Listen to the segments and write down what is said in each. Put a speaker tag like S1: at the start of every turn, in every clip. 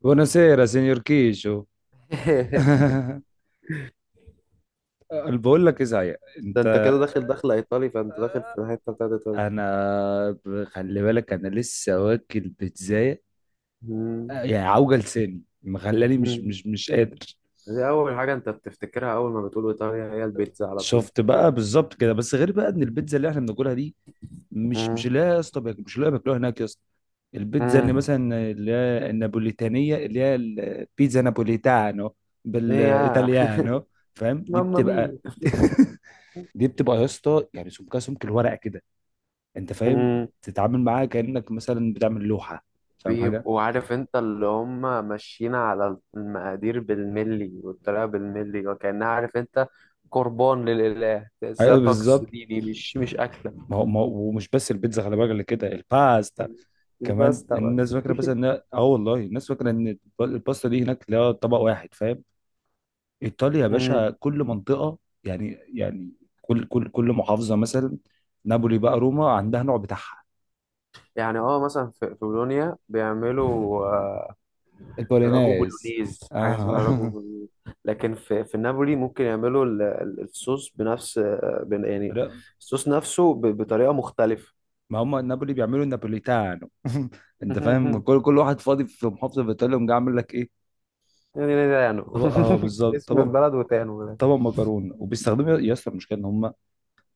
S1: بوناسيرا سينيور كيشو أنا بقول لك ايه صحيح.
S2: ده
S1: انت
S2: انت كده داخل دخلة ايطالي، فانت داخل في الحتة بتاعت ايطاليا.
S1: خلي بالك انا لسه واكل بيتزاية.
S2: مم.
S1: يعني عوجة لساني مخلاني مش
S2: مم.
S1: مش مش قادر.
S2: دي اول حاجة انت بتفتكرها اول ما بتقول ايطاليا، هي البيتزا على طول.
S1: شفت بقى بالظبط كده بس غير بقى ان البيتزا اللي احنا بناكلها دي مش
S2: مم.
S1: لا يا اسطى مش لا بياكلوها هناك يا اسطى. البيتزا اللي
S2: مم.
S1: مثلا اللي هي النابوليتانية اللي هي البيتزا نابوليتانو
S2: يا
S1: بالايطاليانو فاهم؟ دي
S2: ماما
S1: بتبقى
S2: مي!
S1: دي بتبقى يا اسطى يعني سمكها سمك الورقه كده. انت فاهم؟
S2: مم.
S1: تتعامل معاها كانك مثلا بتعمل لوحه. فاهم حاجه؟
S2: بيبقوا عارف انت اللي هم ماشيين على المقادير بالملي والطريقة بالملي، وكأنها عارف انت قربان للإله، تحسها
S1: ايوه
S2: طقس
S1: بالظبط.
S2: ديني مش أكلة.
S1: ما هو ومش بس البيتزا خلي بالك اللي كده الباستا
S2: مش بس
S1: كمان.
S2: طبعا
S1: الناس فاكره بس ان اه والله الناس فاكره ان الباستا دي هناك لا طبق واحد فاهم. ايطاليا يا
S2: مم.
S1: باشا كل منطقه. يعني يعني كل محافظه مثلا نابولي بقى روما عندها نوع بتاعها.
S2: يعني مثلا في بولونيا بيعملوا راجو
S1: البولينيز
S2: بولونيز، حاجه
S1: اه.
S2: اسمها راجو بولونيز. لكن في نابولي ممكن يعملوا الصوص بنفس يعني الصوص نفسه بطريقه مختلفه.
S1: ما هم النابولي بيعملوا النابوليتانو انت فاهم؟ كل واحد فاضي في محافظه في ايطاليا ومجي عامل لك ايه
S2: يعني ده تانو
S1: طبق. اه بالظبط
S2: اسم
S1: طبق.
S2: البلد وتانو ده.
S1: طبق مكرونه وبيستخدموا يا اسطى المشكله ان هم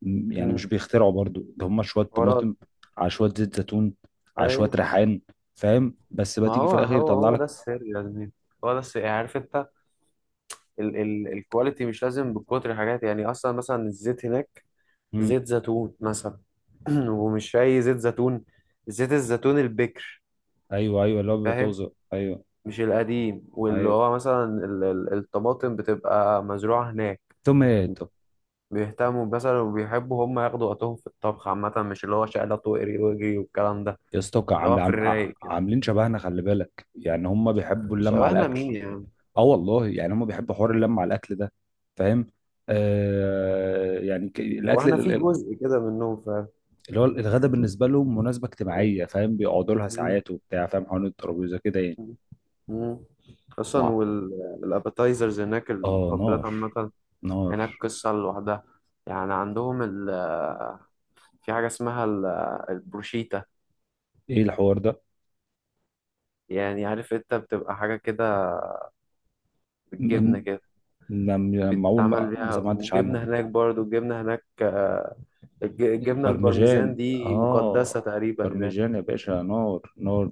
S1: يعني مش
S2: مم.
S1: بيخترعوا برضو ده. هم شويه
S2: حوارات.
S1: طماطم على شويه زيت زيتون على
S2: اي.
S1: شويه ريحان فاهم. بس بقى
S2: ما
S1: تيجي في الاخر يطلع
S2: هو ده
S1: لك.
S2: السر يا زميلي، هو ده السر. يعني عارف انت ال ال الكواليتي مش لازم بكتر حاجات، يعني اصلا مثلا الزيت هناك،
S1: امم.
S2: زيت زيتون مثلا. ومش اي زيت زيتون، زيت الزيتون البكر.
S1: ايوه ايوه اللي هو بيبقى
S2: فاهم؟
S1: طازه. ايوه
S2: مش القديم، واللي
S1: ايوه
S2: هو مثلا الطماطم بتبقى مزروعة هناك.
S1: توماتو.
S2: بيهتموا مثلا وبيحبوا هم ياخدوا وقتهم في الطبخ عامة، مش اللي هو شقلط واقري واجري والكلام ده،
S1: يا اسطى
S2: اللي هو في الرايق كده.
S1: عاملين شبهنا خلي بالك يعني هم بيحبوا اللمه على
S2: شبهنا مين
S1: الاكل.
S2: يا عم؟
S1: اه والله يعني هم بيحبوا حوار اللمه على الاكل ده فاهم. يعني الاكل
S2: واحنا في جزء كده منهم فعلا.
S1: اللي هو الغدا بالنسبه لهم مناسبه اجتماعيه فاهم بيقعدوا لها
S2: مم.
S1: ساعات وبتاع فاهم حوالين الترابيزه كده يعني.
S2: مم. اصلا
S1: وع-
S2: والابيتايزرز هناك،
S1: اه
S2: المقبلات
S1: نار
S2: عامة
S1: نار.
S2: هناك قصة لوحدها. يعني عندهم في حاجة اسمها البروشيتا،
S1: ايه الحوار ده؟
S2: يعني عارف انت بتبقى حاجة كده
S1: م-
S2: بالجبنة
S1: م-
S2: كده.
S1: اول
S2: بيتعمل
S1: ما
S2: بيها،
S1: سمعتش عنها.
S2: وجبنة هناك برضو. الجبنة هناك، الجبنة البارميزان
S1: برمجان
S2: دي مقدسة
S1: اه.
S2: تقريبا هناك.
S1: برمجان يا باشا نار نار.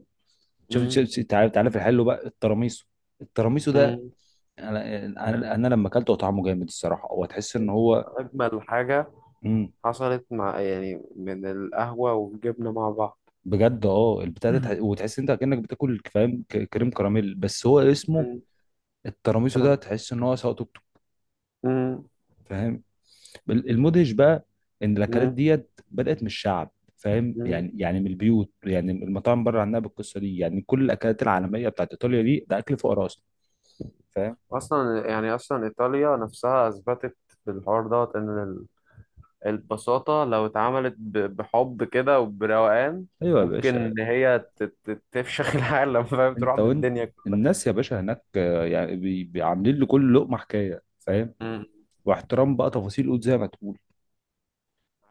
S1: شوف
S2: مم.
S1: شوف شوف، تعالى تعالى في الحلو بقى التراميسو. التراميسو ده
S2: مم.
S1: انا انا أنا لما اكلته طعمه جامد الصراحه هو تحس ان هو
S2: أجمل حاجة
S1: مم.
S2: حصلت، مع يعني من القهوة والجبنة مع بعض.
S1: بجد اه البتاع ده وتحس انت كانك بتاكل فاهم كريم كراميل بس هو اسمه
S2: مم.
S1: التراميسو ده
S2: فاهم؟
S1: تحس ان هو سواء توك
S2: مم.
S1: فاهم. المدهش بقى ان الاكلات
S2: مم.
S1: ديت بدات من الشعب فاهم
S2: مم.
S1: يعني من البيوت يعني المطاعم بره عنها بالقصه دي يعني كل الاكلات العالميه بتاعت ايطاليا دي ده اكل فقراء اصلا فاهم.
S2: أصلا يعني أصلا إيطاليا نفسها أثبتت بالحوار دوت إن البساطة لو اتعملت بحب كده وبروقان،
S1: ايوه يا
S2: ممكن
S1: باشا.
S2: إن هي تفشخ العالم، فاهم؟ تروح
S1: انت وانت
S2: بالدنيا كلها.
S1: الناس يا باشا هناك، يعني عاملين لكل لقمه حكايه فاهم. واحترام بقى تفاصيل قد زي ما تقول.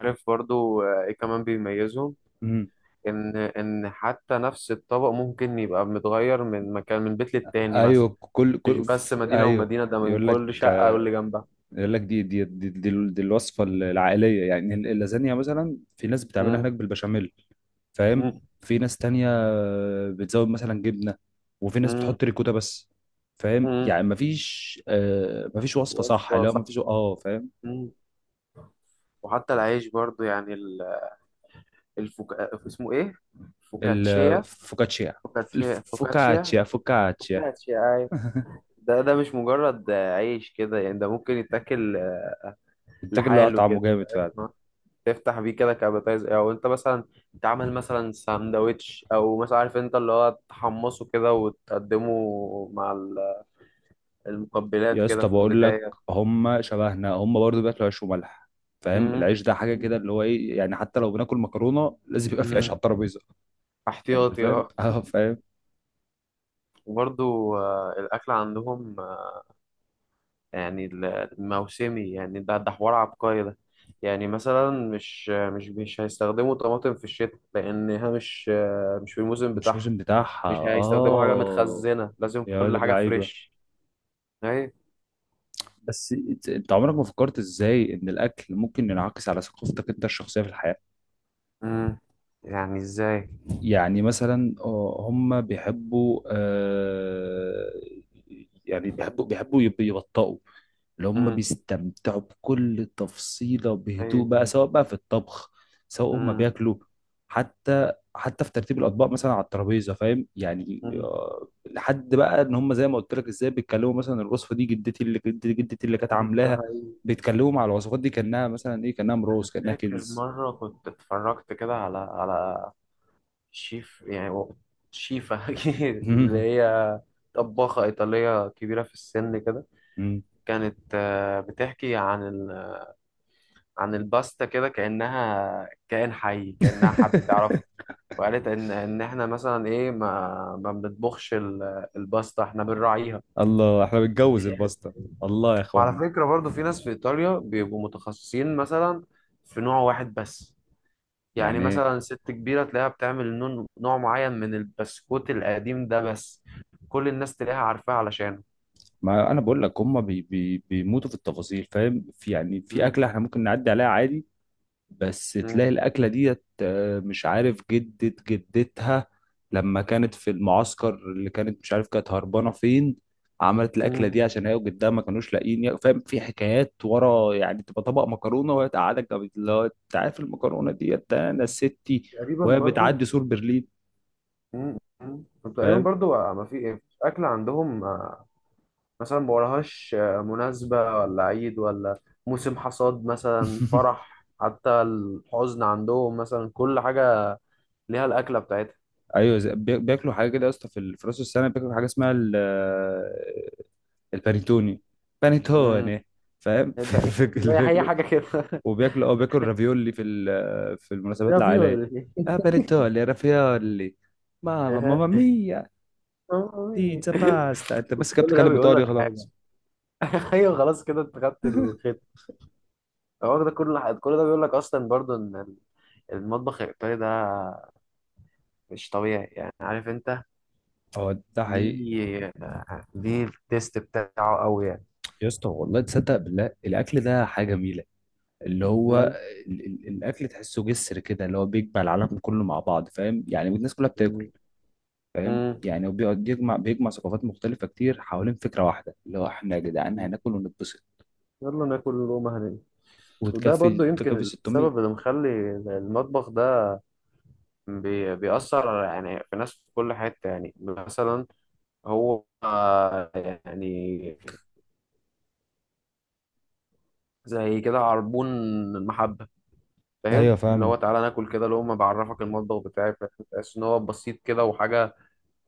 S2: عارف برضو ايه كمان بيميزهم؟
S1: امم
S2: ان حتى نفس الطبق ممكن يبقى متغير من مكان، من بيت للتاني مثلا.
S1: ايوه كل
S2: مش
S1: كل
S2: بس مدينة
S1: ايوه.
S2: ومدينة، ده من
S1: يقول لك،
S2: كل شقة واللي جنبها.
S1: يقول لك دي دي, الوصفه العائليه. يعني اللازانيا مثلا في ناس بتعملها
S2: مم،
S1: هناك بالبشاميل فاهم.
S2: مم،
S1: في ناس تانية بتزود مثلا جبنة. وفي ناس
S2: مم،
S1: بتحط ريكوتا بس فاهم.
S2: مم.
S1: يعني مفيش مفيش وصفة صح
S2: وصفة
S1: لا
S2: صح.
S1: مفيش اه فاهم.
S2: مم. وحتى العيش برضو، يعني اسمه ايه؟ فوكاتشيا،
S1: الفوكاتشيا
S2: فوكاتشيا، فوكاتشيا،
S1: الفوكاتشيا فوكاتشيا.
S2: فوكاتشيا. أيوة. ده مش مجرد عيش كده، يعني ده ممكن يتاكل
S1: التاجر اللي هو
S2: لحاله
S1: طعمه
S2: كده.
S1: جامد فعلا.
S2: فاهم؟ تفتح بيه كده كابيتايز، او انت مثلا تعمل مثلا ساندوتش، او مثلا عارف انت اللي هو تحمصه كده وتقدمه مع المقبلات
S1: يا
S2: كده
S1: اسطى
S2: في
S1: بقول لك
S2: البداية.
S1: هم شبهنا هم برضو بياكلوا عيش وملح فاهم.
S2: مم.
S1: العيش ده حاجة كده
S2: مم.
S1: اللي هو ايه يعني حتى لو بناكل مكرونة لازم يبقى في عيش على
S2: مم.
S1: الترابيزة. يعني انت
S2: احتياطي،
S1: فاهم
S2: اه.
S1: اه فاهم.
S2: وبرضو الأكل عندهم يعني الموسمي، يعني ده حوار عبقري ده. يعني مثلا مش آه، مش مش هيستخدموا طماطم في الشتاء، لأنها مش في الموسم
S1: مش
S2: بتاعها.
S1: موسم بتاعها
S2: مش هيستخدموا حاجة
S1: اه.
S2: متخزنة، لازم
S1: يا واد
S2: كل حاجة
S1: اللعيبة.
S2: فريش. أيوة.
S1: بس انت عمرك ما فكرت ازاي ان الاكل ممكن ينعكس على ثقافتك انت الشخصيه في الحياه؟
S2: مم. يعني ازاي؟
S1: يعني مثلا، هم بيحبوا، يعني بيحبوا يبطئوا. اللي هم
S2: مم.
S1: بيستمتعوا بكل تفصيلة بهدوء بقى
S2: ايوه.
S1: سواء بقى في الطبخ سواء هم
S2: مم.
S1: بياكلوا. حتى في ترتيب الأطباق مثلا على الترابيزة فاهم يعني،
S2: مم.
S1: لحد بقى إن هم زي ما قلت لك إزاي بيتكلموا مثلا الوصفة دي جدتي اللي كانت
S2: مم. ده
S1: عاملاها.
S2: حقيقي.
S1: بيتكلموا مع الوصفات دي كأنها مثلا إيه كأنها مروز
S2: انا
S1: كأنها
S2: فاكر
S1: كنز.
S2: مره كنت اتفرجت كده على شيف، يعني شيفه اللي هي طباخه ايطاليه كبيره في السن كده، كانت بتحكي عن عن الباستا كده، كانها كائن حي، كانها حد تعرفه. وقالت ان احنا مثلا ايه، ما بنطبخش الباستا، احنا بنراعيها.
S1: الله احنا بنتجوز الباستا. الله يا
S2: وعلى
S1: اخوانا.
S2: فكرة برضو في ناس في إيطاليا بيبقوا متخصصين مثلا في نوع واحد بس. يعني
S1: يعني
S2: مثلا ست كبيرة تلاقيها بتعمل نوع معين من البسكوت القديم ده بس، كل الناس تلاقيها عارفاه علشانه.
S1: ما انا بقول لك هم بي بي بيموتوا في التفاصيل فاهم في يعني في
S2: مم.
S1: اكله احنا ممكن نعدي عليها عادي. بس
S2: مم.
S1: تلاقي الاكله ديت، مش عارف جدة جدتها لما كانت في المعسكر اللي كانت مش عارف كانت هربانه فين. عملت الاكله
S2: مم.
S1: دي عشان هي وجدها ما كانوش لاقيين فاهم. في حكايات ورا يعني تبقى طبق مكرونه وهي تقعدك اللي هو انت عارف المكرونه ديت ده انا ستي
S2: تقريبا
S1: وهي
S2: برضو.
S1: بتعدي سور برلين
S2: مم. مم. طب تقريبا
S1: فاهم.
S2: برضو ما في إيه؟ أكل عندهم مثلا ما وراهاش مناسبة ولا عيد، ولا موسم حصاد مثلا، فرح، حتى الحزن، عندهم مثلا كل حاجة ليها الأكلة
S1: ايوه بياكلوا حاجه كده يا اسطى في في راس السنه بياكلوا حاجه اسمها البانيتوني.
S2: بتاعتها.
S1: بانيتوني فاهم.
S2: البقني،
S1: في اللي
S2: هي
S1: بياكلوا
S2: حاجه كده
S1: وبياكلوا اه بياكلوا رافيولي في في المناسبات
S2: ايه فيه
S1: العائليه.
S2: ولا ايه؟
S1: اه بانيتوني رافيولي. ماما
S2: أها.
S1: ماما ميا. بيتزا باستا انت
S2: كل
S1: بس كده
S2: ده
S1: بتتكلم
S2: بيقول
S1: ايطالي
S2: لك حاجه.
S1: خلاص.
S2: ايوه، خلاص كده انت خدت الخيط. هو ده كل حاجة. كل ده بيقول لك اصلا برضو ان المطبخ الايطالي ده مش طبيعي، يعني عارف انت
S1: اه ده حقيقي.
S2: ليه ليه التيست بتاعه قوي يعني.
S1: يا اسطى والله تصدق بالله الاكل ده حاجه جميله. اللي هو
S2: مم.
S1: ال ال الاكل تحسه جسر كده اللي هو بيجمع العالم كله مع بعض فاهم يعني الناس كلها بتاكل
S2: مم.
S1: فاهم
S2: مم.
S1: يعني. وبيقعد بيجمع ثقافات مختلفة كتير حوالين فكرة واحدة اللي هو احنا يا جدعان
S2: مم.
S1: هناكل ونتبسط.
S2: يلا ناكل اللقمة هنا. وده
S1: وتكفي
S2: برضو يمكن
S1: تكفي 600.
S2: السبب اللي مخلي المطبخ ده بيأثر، يعني في ناس في كل حتة. يعني مثلا هو يعني زي كده عربون المحبة،
S1: ايوه
S2: فاهم؟ اللي هو
S1: فاهمك.
S2: تعالى ناكل كده لقمة، بعرفك المطبخ بتاعي. فاهم؟ تحس ان هو بسيط كده، وحاجة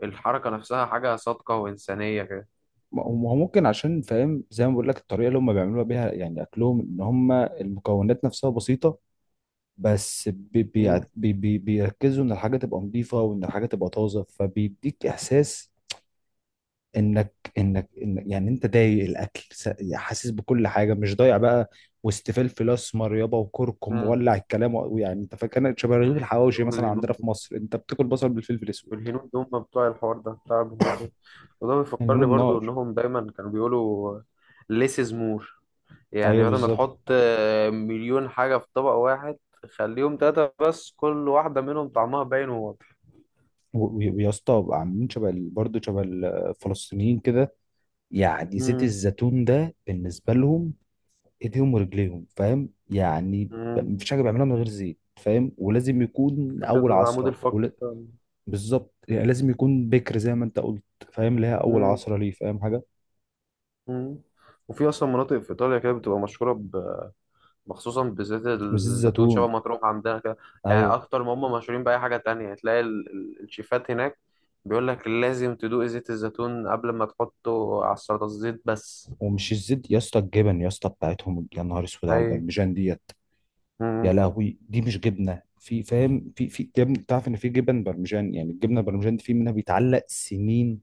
S2: الحركة نفسها حاجة صادقة وإنسانية كده.
S1: ما هو ممكن عشان فاهم زي ما بقول لك الطريقة اللي هم بيعملوها بيها يعني أكلهم إن هم المكونات نفسها بسيطة. بس
S2: مم.
S1: بيركزوا إن الحاجة تبقى نظيفة وإن الحاجة تبقى طازة فبيديك إحساس. انك إن يعني انت ضايق الاكل يعني حاسس بكل حاجه مش ضايع بقى وسط فلفل اسمر يابا وكركم
S2: مم.
S1: وولع
S2: مم.
S1: الكلام ويعني انت فاكر شبه رغيف
S2: أي،
S1: الحواوشي
S2: دول
S1: مثلا عندنا في
S2: الهنود.
S1: مصر انت بتاكل بصل بالفلفل الاسود.
S2: دول الهنود دول هم بتوع الحوار ده بتاع البهارات ده. وده
S1: يعني لون
S2: بيفكرني برضو
S1: النار.
S2: انهم دايما كانوا بيقولوا less is more. يعني
S1: ايوه
S2: بدل ما
S1: بالظبط.
S2: تحط مليون حاجة في طبق واحد، خليهم تلاتة بس، كل واحدة منهم طعمها باين وواضح.
S1: ويا اسطى عاملين شبه برضه شبه الفلسطينيين كده. يعني زيت
S2: مم.
S1: الزيتون ده بالنسبه لهم ايديهم ورجليهم فاهم يعني
S2: مم.
S1: مفيش حاجه بيعملوها من غير زيت فاهم ولازم يكون
S2: فاكر
S1: اول
S2: العمود
S1: عصره.
S2: الفقري بتاعنا.
S1: بالظبط يعني لازم يكون بكر زي ما انت قلت. فاهم اللي هي اول
S2: مم.
S1: عصرة ليه فاهم حاجة.
S2: مم. وفي اصلا مناطق في ايطاليا كده بتبقى مشهوره ب... مخصوصا بزيت
S1: وزيت
S2: الزيتون، شبه
S1: زيتون
S2: ما تروح عندنا كده. يعني
S1: ايوه.
S2: اكتر ما هم مشهورين باي حاجه تانية، تلاقي الشيفات هناك بيقول لك لازم تدوق زيت الزيتون قبل ما تحطه على السلطه، الزيت بس.
S1: ومش الزيت يا اسطى، الجبن يا اسطى بتاعتهم، يا نهار اسود على
S2: اي.
S1: البرمجان ديت. يا
S2: مم.
S1: لهوي دي مش جبنة، في فاهم في في جبن تعرف ان في جبن برمجان يعني الجبنة البرمجان دي في منها بيتعلق سنين.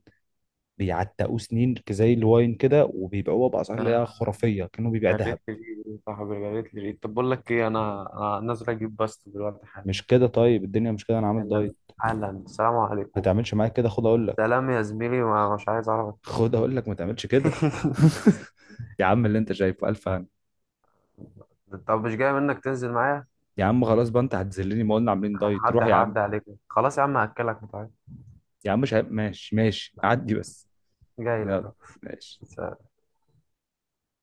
S1: بيعتقوه سنين زي الواين كده وبيبيعوها باسعار اللي هي
S2: آه،
S1: خرافية كأنه بيبيع
S2: جريت
S1: ذهب.
S2: لي ريق يا صاحبي، جريت لي ريق. طب بقول لك ايه، انا نازل اجيب بس دلوقتي حالا،
S1: مش كده؟ طيب الدنيا مش كده انا عامل
S2: حالا،
S1: دايت.
S2: حالا. السلام
S1: ما
S2: عليكم.
S1: تعملش معايا كده، خد اقول لك.
S2: سلام يا زميلي، ما مش عايز اعرفك
S1: خد اقول لك ما تعملش كده.
S2: تاني.
S1: يا عم اللي انت شايفه الف هنا.
S2: طب مش جاي منك تنزل معايا؟
S1: يا عم خلاص بقى، انت هتذلني، ما قلنا عاملين دايت، روح
S2: هعدي
S1: يا عم.
S2: هعدي عليك. خلاص يا عم، هاكلك متعب.
S1: يا عم مش عارف- ماشي ماشي عدي بس.
S2: جاي لك.
S1: يلا ماشي.
S2: أهو.